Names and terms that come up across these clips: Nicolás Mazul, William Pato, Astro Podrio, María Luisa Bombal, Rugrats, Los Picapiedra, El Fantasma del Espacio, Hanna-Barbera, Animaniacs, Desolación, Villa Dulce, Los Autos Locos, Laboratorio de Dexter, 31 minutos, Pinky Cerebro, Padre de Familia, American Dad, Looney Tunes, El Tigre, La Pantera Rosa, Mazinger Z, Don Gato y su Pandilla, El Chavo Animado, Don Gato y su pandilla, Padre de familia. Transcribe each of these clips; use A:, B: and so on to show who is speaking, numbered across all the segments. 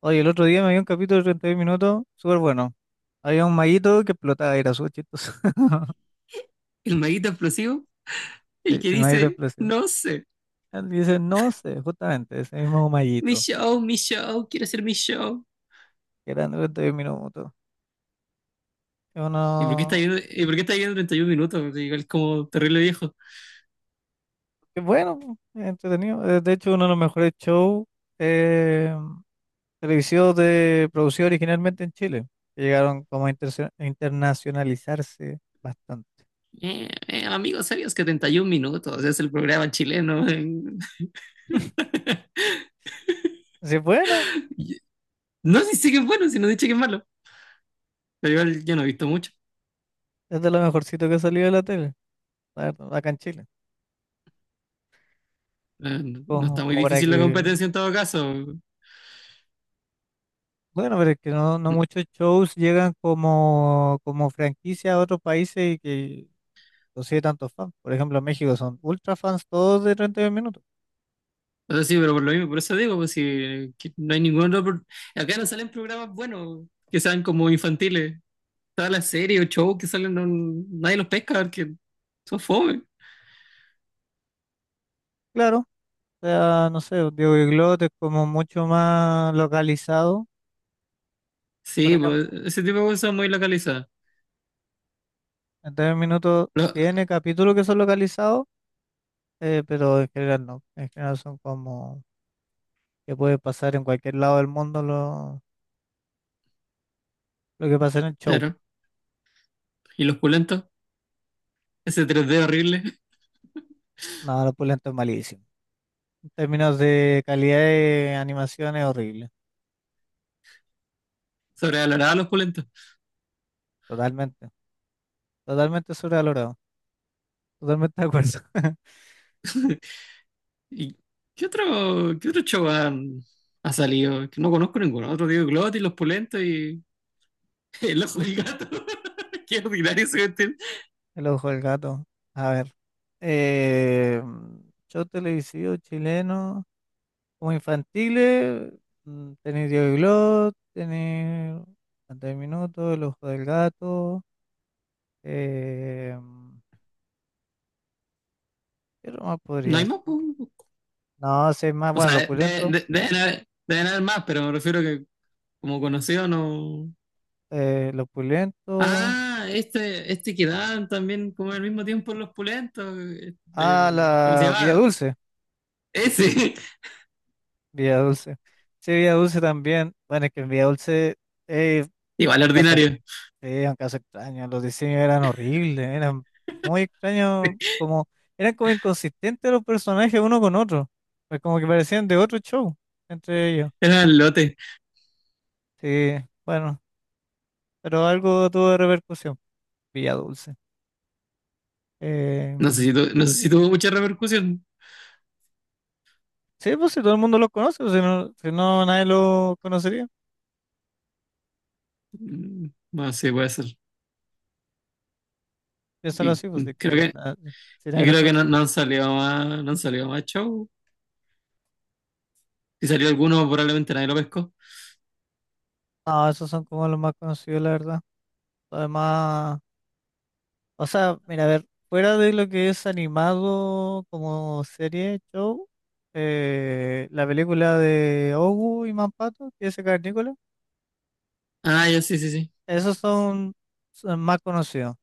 A: Oye, el otro día me vi un capítulo de 31 minutos, súper bueno. Había un maguito que explotaba, era súper chistoso.
B: El maguito explosivo, el
A: Sí,
B: que
A: el maguito
B: dice,
A: explotó.
B: no sé,
A: Él dice, no sé, justamente, ese mismo maguito,
B: mi show, quiero hacer mi show.
A: que era de un minutos. Es
B: ¿Y por qué está
A: uno,
B: viendo, y por qué está viendo 31 minutos? Pues igual como terrible viejo.
A: que bueno, po, es entretenido. De hecho, uno de los mejores shows eh, televisivos de producido originalmente en Chile, que llegaron como a internacionalizarse bastante.
B: Amigos, ¿sabías que 31 minutos es el programa chileno?
A: Así, que, bueno,
B: No sé si es bueno, si no dice que es malo. Pero igual yo no he visto mucho.
A: es de lo mejorcito que ha salido de la tele, la verdad, acá en Chile,
B: Eh, No
A: como
B: está muy
A: como para
B: difícil la
A: que
B: competencia en todo caso.
A: bueno, pero es que no muchos shows llegan como franquicia a otros países y que consigue tantos fans. Por ejemplo, en México son ultra fans todos de 32 minutos.
B: O sea, sí, pero por lo mismo, por eso digo, pues si que no hay ningún otro. Acá no salen programas buenos que sean como infantiles. Todas las series o shows que salen, nadie los pesca porque son fome.
A: Claro, o sea, no sé, pues, Diego Iglot es como mucho más localizado. Por
B: Sí, pues,
A: ejemplo,
B: ese tipo de cosas muy localizadas.
A: 32 minutos
B: Lo-
A: tiene capítulos que son localizados, pero en general no. En general son como que puede pasar en cualquier lado del mundo lo que pasa en el show.
B: claro. ¿Y los pulentos? Ese tres d horrible.
A: Nada, lo pulento es malísimo. En términos de calidad de animación es horrible.
B: Sobrevalorada los pulentos.
A: Totalmente, totalmente sobrevalorado, totalmente de acuerdo.
B: ¿Y qué otro show ha salido? Que no conozco ninguno. Otro Diego Glot y los pulentos y el ojo del gato. Qué ordinario se vestir.
A: El ojo del gato. A ver, eh, show televisivo chileno, como infantiles, tenéis Diego y Glot, tenéis 30 minutos, el ojo del gato, eh, ¿qué otro más
B: No
A: podría
B: hay más,
A: ser?
B: po.
A: No, sé más,
B: O
A: bueno, los
B: sea, de- de-
A: pulentos,
B: de- deben haber, deben haber más, pero me refiero que como conocido no.
A: eh, los pulentos,
B: Ah, este que daban también como al mismo tiempo en los pulentos.
A: ah,
B: El, ¿cómo se
A: la Villa
B: llama?
A: Dulce,
B: Ese.
A: Villa Dulce, sí, Villa Dulce también, bueno, es que en Villa Dulce es
B: Igual
A: un caso.
B: ordinario.
A: Sí, un caso extraño. Los diseños eran horribles, eran muy extraños, como, eran como inconsistentes los personajes uno con otro. Pues como que parecían de otro show entre ellos.
B: Era el lote.
A: Sí, bueno, pero algo tuvo de repercusión. Villa Dulce.
B: No sé si,
A: Em,
B: tu- no sé si tuvo mucha repercusión.
A: sí, pues si todo el mundo lo conoce, pues, si no, si no nadie lo conocería.
B: Bueno, sí, puede ser.
A: Piénsalo
B: Y
A: así, pues de
B: creo
A: que
B: que,
A: na- si
B: y
A: nadie lo
B: creo que no,
A: conocería.
B: no han salido más show. Si salió alguno, probablemente nadie lo pescó.
A: No, esos son como los más conocidos, la verdad. Además. O sea, mira, a ver, fuera de lo que es animado como serie, show, la película de Ogu y Mampato, que es el Cavernícola,
B: Ah, ya sí, sí, sí.
A: esos son, son más conocidos.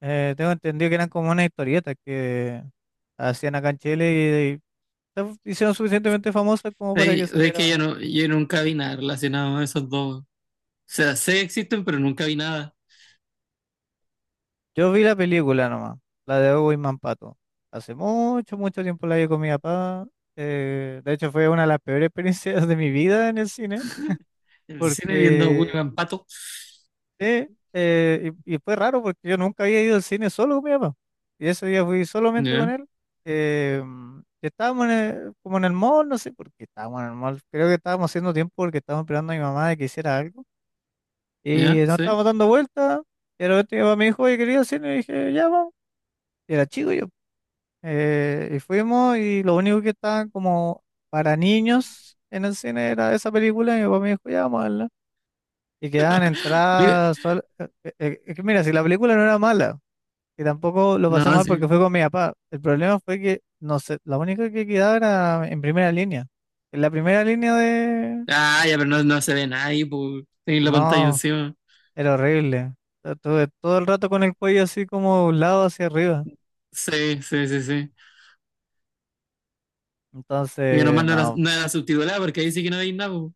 A: Tengo entendido que eran como unas historietas que hacían acá en Chile y se hicieron suficientemente famosas como para
B: Sí,
A: que
B: es que
A: saliera.
B: yo nunca vi nada relacionado a esos dos. O sea, sé que existen, pero nunca vi nada.
A: Yo vi la película nomás, la de Ogu y Mampato. Hace mucho, mucho tiempo la vi con mi papá. De hecho, fue una de las peores experiencias de mi vida en el cine.
B: En el cine viendo a
A: Porque,
B: William Pato.
A: sí, y fue raro porque yo nunca había ido al cine solo con mi papá. Y ese día fui solamente con
B: Ya,
A: él. eh, y estábamos en como en el mall, no sé por qué estábamos en el mall. Creo que estábamos haciendo tiempo porque estábamos esperando a mi mamá de que hiciera algo. Y
B: ya,
A: nos
B: sí.
A: estábamos dando vueltas. Y de repente mi papá me dijo, oye, quería ir al cine. Y dije, ya vamos. Y era chico yo. Y fuimos y lo único que estaba como para niños en el cine era esa película. Y mi papá me dijo, ya vamos a verla". Y quedaban
B: Mira,
A: entradas. Es que mira, si la película no era mala, y tampoco lo
B: no,
A: pasé mal porque fue
B: sí.
A: con mi papá, el problema fue que, no sé, la única que quedaba era en primera línea. En la primera línea de.
B: Ah, ya, pero no se ve nadie, pues. Tenéis la pantalla
A: No,
B: encima.
A: era horrible. Estuve todo el rato con el cuello así como un lado hacia arriba.
B: Sí, sí, sí, sí. Y que
A: Entonces,
B: nomás no era,
A: no.
B: no era subtitulada porque ahí sí que no veis nada, po.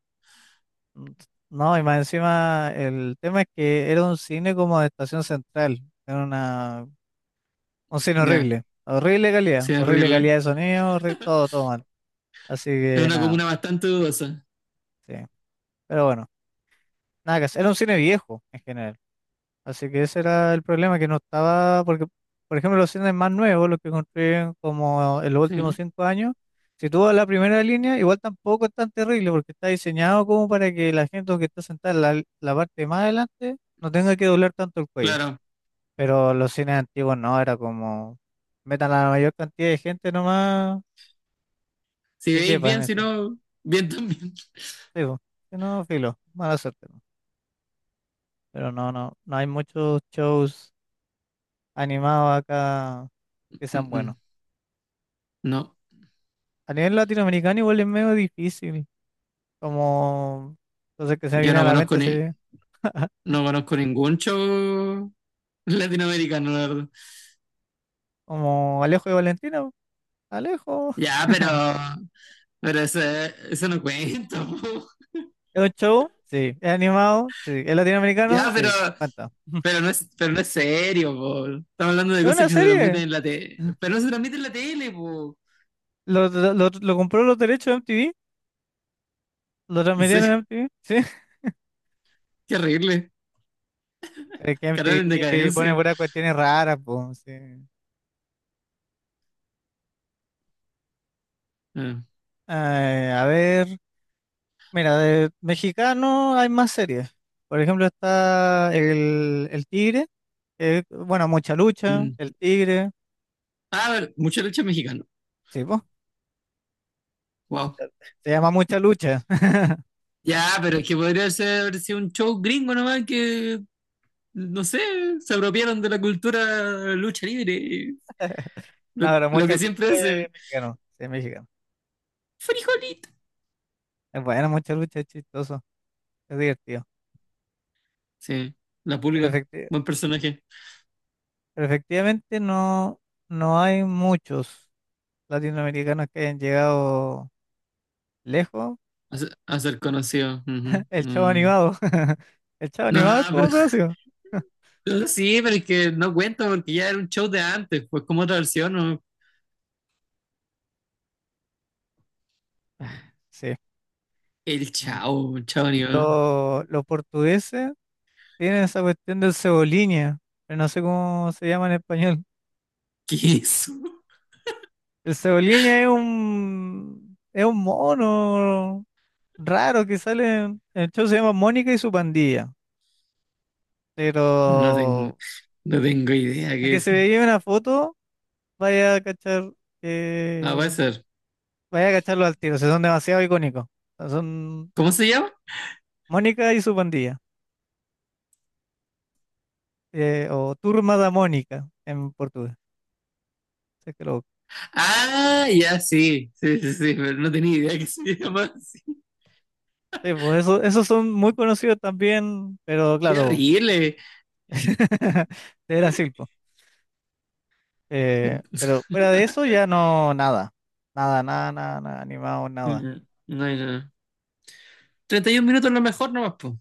A: mm, No, y más encima, el tema es que era un cine como de estación central. Era un cine
B: Ya,
A: horrible.
B: sí, es
A: Horrible
B: horrible.
A: calidad de sonido, todo, todo. Así
B: Es
A: que
B: una
A: nada,
B: comuna bastante dudosa.
A: sí. Pero bueno, nada que hacer. Era un cine viejo en general. Así que ese era el problema, que no estaba, porque, por ejemplo, los cines más nuevos, los que construyen como en los
B: Sí,
A: últimos
B: ¿no?
A: 5 años, si tú vas a la primera línea, igual tampoco es tan terrible, porque está diseñado como para que la gente que está sentada en la parte más adelante no tenga que doblar tanto el cuello.
B: Claro.
A: Pero los cines antiguos no, era como, metan a la mayor cantidad de gente nomás
B: Si
A: y
B: veis
A: quepa en
B: bien, si
A: ese.
B: no, bien también.
A: Sí, po. Si no, filo, mala suerte. ¿No? Pero no, no hay muchos shows animados acá que
B: Mm,
A: sean buenos.
B: mm. No,
A: A nivel latinoamericano igual es medio difícil, como, entonces que se me
B: yo
A: viene a
B: no
A: la
B: conozco
A: mente, sí,
B: ni, no conozco ningún show latinoamericano, la verdad.
A: como Alejo y Valentina, po. Alejo.
B: Ya, pero ese, eso no cuenta, po.
A: ¿Es un show? Sí. ¿Es animado? Sí. ¿Es latinoamericano?
B: Ya, pero,
A: Sí. Cuenta.
B: pero no es, pero no es serio, po. Estamos hablando de
A: ¿Es
B: cosas
A: una
B: que se
A: serie?
B: transmiten en la tele. Pero no se transmiten en la tele, po.
A: ¿Lo compró los derechos de MTV? ¿Lo
B: En
A: transmitieron en
B: serio,
A: MTV? Sí.
B: qué horrible.
A: Es que
B: Canal en
A: MTV pone
B: decadencia.
A: puras cuestiones raras, pues, sí.
B: Ah,
A: A ver. Mira, de mexicano hay más series. Por ejemplo, está el Tigre, que es, bueno, Mucha Lucha,
B: mm.
A: El Tigre,
B: Ah, a ver, mucha lucha mexicana.
A: sí, po,
B: Wow.
A: se llama Mucha Lucha.
B: Ya, pero es que podría ser, haber sido un show gringo nomás que, no sé, se apropiaron de la cultura lucha libre. y Lo,
A: No, pero
B: lo
A: Mucha
B: que
A: Lucha
B: siempre
A: es
B: hacen.
A: mexicano, sí, es mexicano.
B: Frijolito.
A: Es bueno, Mucha Lucha es chistoso, es divertido.
B: Sí, la
A: Pero,
B: pulga. Buen personaje.
A: efectivamente no hay muchos latinoamericanos que hayan llegado lejos.
B: A ser conocido. Ujú.
A: El Chavo
B: Mm.
A: Animado, el Chavo
B: No,
A: Animado es
B: pero
A: como conocido.
B: sí, pero es que no cuenta porque ya era un show de antes, pues como otra versión, ¿no?
A: Sí.
B: El
A: Mm,
B: chao, chao, ni va.
A: Los portugueses. Tienen esa cuestión del cebolinha, pero no sé cómo se llama en español.
B: ¿Qué es eso?
A: El cebolinha es es un mono raro que sale, el show se llama Mónica y su pandilla,
B: No tengo,
A: pero
B: no tengo idea
A: el
B: qué
A: que
B: es
A: se
B: eso.
A: veía una foto, vaya a cachar,
B: Ah, puede
A: que-
B: ser.
A: vaya a cacharlo al tiro, o sea, son demasiado icónicos. O sea, son
B: ¿Cómo se llama?
A: Mónica y su pandilla, o Turma da Mónica en portugués. Si es que lo-
B: Ah, ya sí, sí, sí, sí, pero no tenía idea que se llama así.
A: Sí, pues esos son muy conocidos también, pero
B: Qué
A: claro.
B: horrible.
A: De Brasil, po. Pero fuera de eso ya no, nada. Nada, nada, nada, nada, animado, nada.
B: No, no. 31 minutos lo mejor nomás, pues.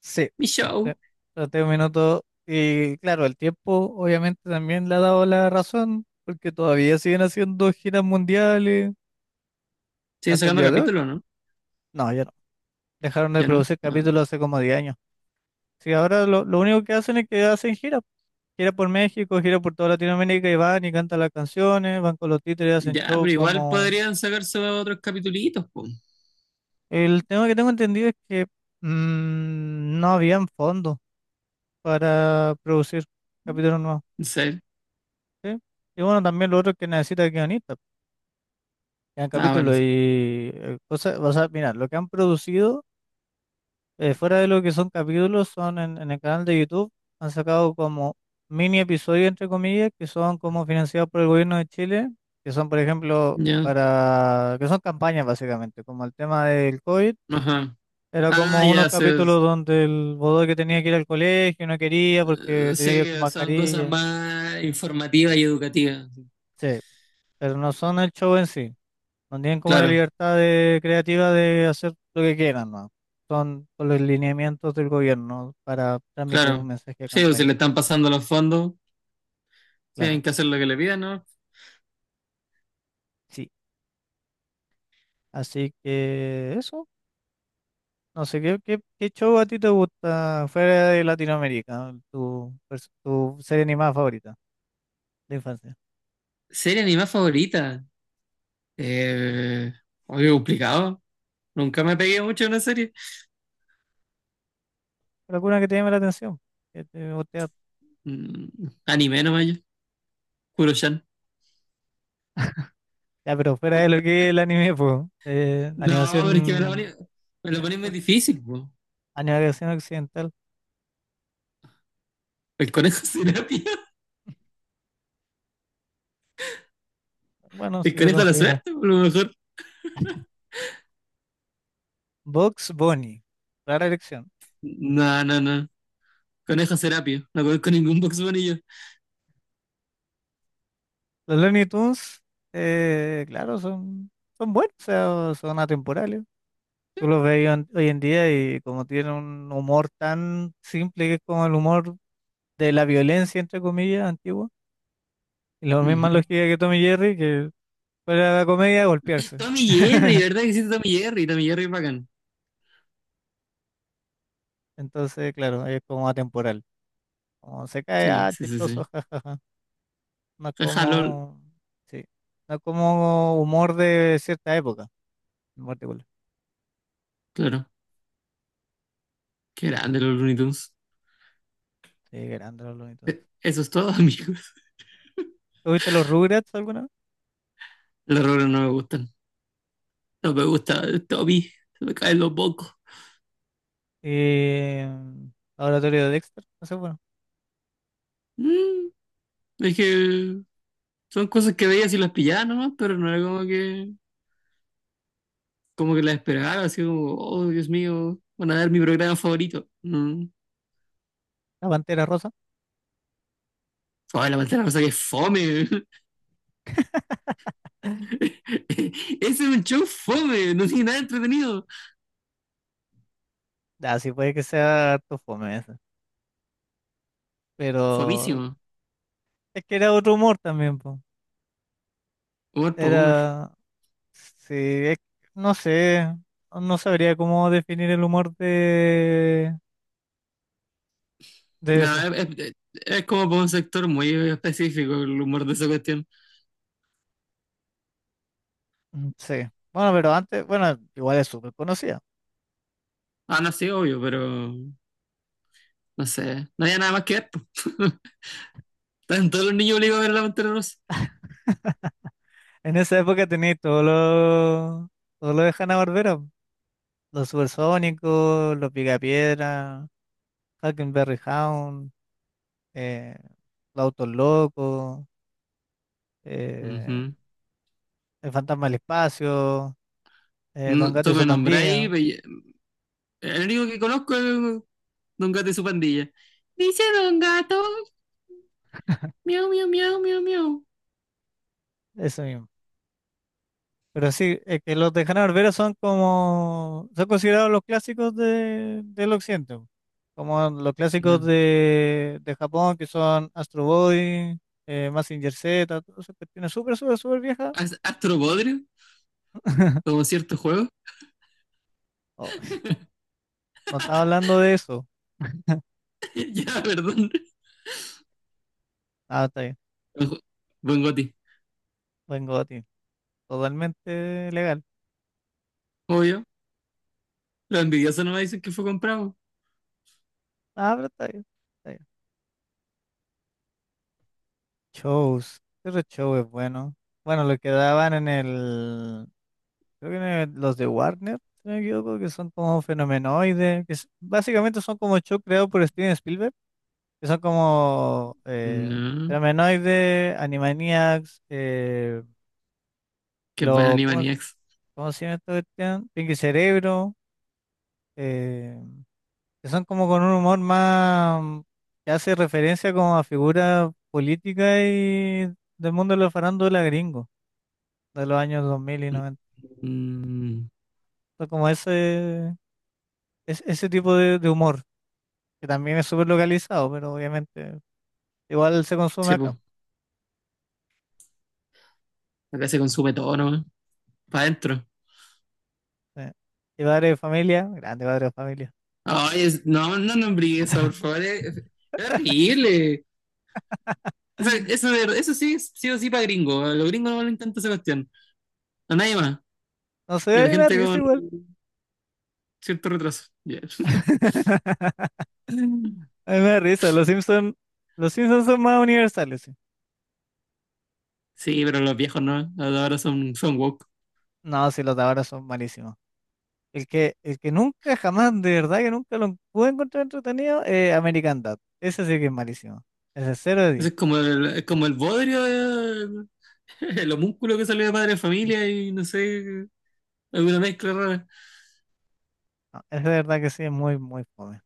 A: Sí,
B: Mi
A: sí.
B: show.
A: Traté un minuto. Y claro, el tiempo obviamente también le ha dado la razón, porque todavía siguen haciendo giras mundiales
B: Siguen
A: hasta el
B: sacando
A: día de hoy.
B: capítulos, ¿no?
A: No, ya no. Dejaron de
B: Ya no.
A: producir
B: Ah,
A: capítulos hace como 10 años. Sí, ahora lo único que hacen es que hacen giras. Gira por México, gira por toda Latinoamérica y van y cantan las canciones, van con los títeres, hacen
B: ya,
A: show
B: pero igual
A: como
B: podrían sacarse otros capitulitos, pues.
A: el tema que tengo entendido es que no habían fondos para producir capítulos nuevos,
B: No sé.
A: ¿sí? Y bueno, también lo otro es que necesita guionistas, que hagan
B: Ah, vale.
A: capítulos y cosas, o sea, mira, lo que han producido fuera de lo que son capítulos son en el canal de YouTube, han sacado como mini episodios, entre comillas, que son como financiados por el gobierno de Chile, que son, por ejemplo,
B: Ya,
A: para, que son campañas básicamente, como el tema del COVID.
B: ajá.
A: Era
B: Ah,
A: como unos
B: ya sé.
A: capítulos donde el que tenía que ir al colegio, no quería porque tenía que
B: Sí,
A: ir con
B: son cosas
A: mascarilla.
B: más informativas y educativas. Sí.
A: Sí, pero no son el show en sí. No tienen como la
B: Claro,
A: libertad de- creativa de hacer lo que quieran, ¿no? Son con los lineamientos del gobierno para transmitir un
B: claro.
A: mensaje de
B: Sí, o si
A: campaña,
B: le están pasando los fondos,
A: claro.
B: tienen que hacer lo que le pidan, ¿no?
A: Sí. Así que eso. No sé, ¿qué show a ti te gusta fuera de Latinoamérica? Tu serie animada favorita de infancia.
B: Serie animada favorita. Eh, oye, complicado. Nunca me pegué mucho en una serie.
A: ¿Alguna que te llame la atención? Que te guste
B: Mm, anime nomás yo. Kuro-chan.
A: ya, pero fuera de lo que es el anime, pues,
B: No, pero es que me lo ponen,
A: animación,
B: me lo ponen muy
A: oc-
B: difícil, po.
A: animación occidental,
B: El conejo terapia.
A: bueno,
B: El
A: si se
B: conejo de la
A: considera.
B: suerte, por lo mejor.
A: Box Bunny, rara elección.
B: No, no, no. Conejo Serapio. No conozco ningún Box Bunny yo.
A: Los Looney Tunes, claro, son, son buenos, o sea, son atemporales. Tú los ves hoy en día y como tienen un humor tan simple que es como el humor de la violencia, entre comillas, antigua, y la misma
B: Ujú.
A: lógica que Tommy Jerry, que fuera de la comedia, golpearse.
B: Tommy Jerry, ¿verdad que sí? Tommy Jerry. Tommy Jerry es bacán.
A: Entonces, claro, es como atemporal. Como se cae,
B: Sí,
A: ah,
B: sí, sí,
A: chistoso,
B: sí.
A: jajaja. No es
B: Jaja, LOL.
A: como, sí, no es como humor de cierta época, en particular.
B: Claro. Qué grande los Looney Tunes.
A: Sí, grande los Looney Tunes.
B: Eso es todo, amigos.
A: ¿Tú viste los Rugrats alguna vez?
B: Los errores no me gustan. No me gusta el Tommy. Se me caen los bocos.
A: Eh, mm, Laboratorio de Dexter, no sé, bueno.
B: Mm, es que son cosas que veías y las pillaba nomás, pero no era como que las esperaba. Así como, oh, Dios mío, van a dar mi programa favorito. Mm.
A: La Pantera Rosa.
B: Ay, la pantera rosa que es fome. Ese es un show fome, no tiene nada entretenido.
A: Ah, sí, puede que sea harto fome esa. Pero
B: Fomísimo.
A: es que era otro humor también, po.
B: Humor por humor.
A: Era, sí, no sé, no sabría cómo definir el humor de
B: No,
A: eso.
B: es, es- es como por un sector muy específico el humor de esa cuestión.
A: Sí. Bueno, pero antes, bueno, igual es súper conocida.
B: Ah, no, sí, obvio, pero no sé. No había nada más que ver. po. Todos los niños obligados a ver la Pantera Rosa.
A: En esa época tenéis todo lo de Hanna-Barbera. Po. Los Supersónicos, los Picapiedra, Huckleberry Hound, eh, los Autos Locos, eh,
B: Ujú.
A: el Fantasma del Espacio, Don
B: No,
A: Gato y
B: tú me
A: su
B: nombráis,
A: Pandilla.
B: pero el único que conozco es Don Gato y su pandilla. Dice Don Gato, miau, miau, miau, miau, miau.
A: Eso mismo. Pero sí, es que los de Hanna Barbera son como, son considerados los clásicos de, del occidente, po. Como los clásicos
B: Ya.
A: de Japón, que son Astro Boy, Mazinger Z, todas esas cuestiones súper, súper, súper viejas.
B: ¿Astro Podrio? Como cierto juego.
A: Oh, no estaba hablando de eso.
B: Ya, perdón.
A: Ah, está bien,
B: Buen ju- buen Goti.
A: vengo a ti, totalmente legal.
B: Obvio. Los envidiosos no me dicen que fue comprado.
A: Ah, pero está bien, está bien. Shows, ese show es bueno. Bueno, lo que daban en el, creo que los de Warner, si no me equivoco, que son como fenomenoides, que básicamente son como shows creados por Steven Spielberg, que son como
B: No.
A: fenomenoides, Animaniacs,
B: Qué buena
A: lo, ¿cómo,
B: Animaniacs.
A: cómo se llama esta cuestión? Pinky Cerebro, eh, que son como con un humor más que hace referencia como a figuras políticas y del mundo de la farándula gringo, de los años 2000 y 90,
B: Mm,
A: son como ese, ese tipo de humor. Que también es súper localizado, pero obviamente igual se consume
B: sí, pues.
A: acá.
B: Acá se consume todo nomás. Para adentro.
A: Sí. Y padre de familia, grande padre de familia.
B: Ay, no nombré eso, por favor. Es horrible. Eso, eso, eso sí, es sí o sí para gringo. A los gringos no lo intenta esa cuestión. A nadie más.
A: No sé,
B: Y a
A: a
B: la
A: mí me da
B: gente
A: risa
B: con
A: igual.
B: cierto retraso. Ya.
A: A mí me da risa, los Simpsons son más universales, sí.
B: Sí, pero los viejos no. Ahora son woke.
A: No, sí, los de ahora son malísimos. El que nunca, jamás, de verdad que nunca lo pude encontrar entretenido, American Dad. Ese sí que es malísimo. Ese es 0 de
B: Eso
A: 10.
B: es como el bodrio el homúnculo que salió de Padre de Familia y no sé, alguna mezcla rara.
A: No, ese de verdad que sí es muy, muy fome.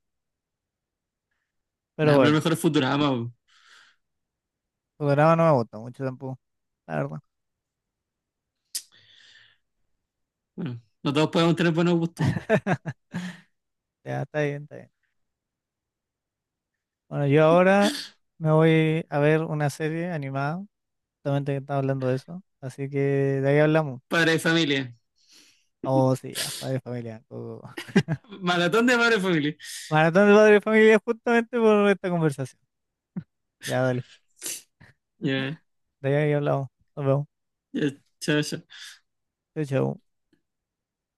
A: Pero
B: Nada, pero el
A: bueno,
B: mejor es Futurama. Po.
A: su programa no me gusta mucho tampoco, la verdad.
B: Bueno, no todos podemos tener buenos gustos.
A: Ya, está bien, está bien. Bueno, yo ahora me voy a ver una serie animada, justamente que estaba hablando de eso, así que de ahí hablamos.
B: Padre de Familia.
A: Oh, sí, ya, padre y familia. Todo.
B: Maratón de Padre de Familia.
A: Maratón de padre y familia justamente por esta conversación. Ya, dale,
B: Ya, yeah.
A: de ahí hablamos. Nos vemos.
B: Ya, yeah. Chao, chao.
A: Chau, chau.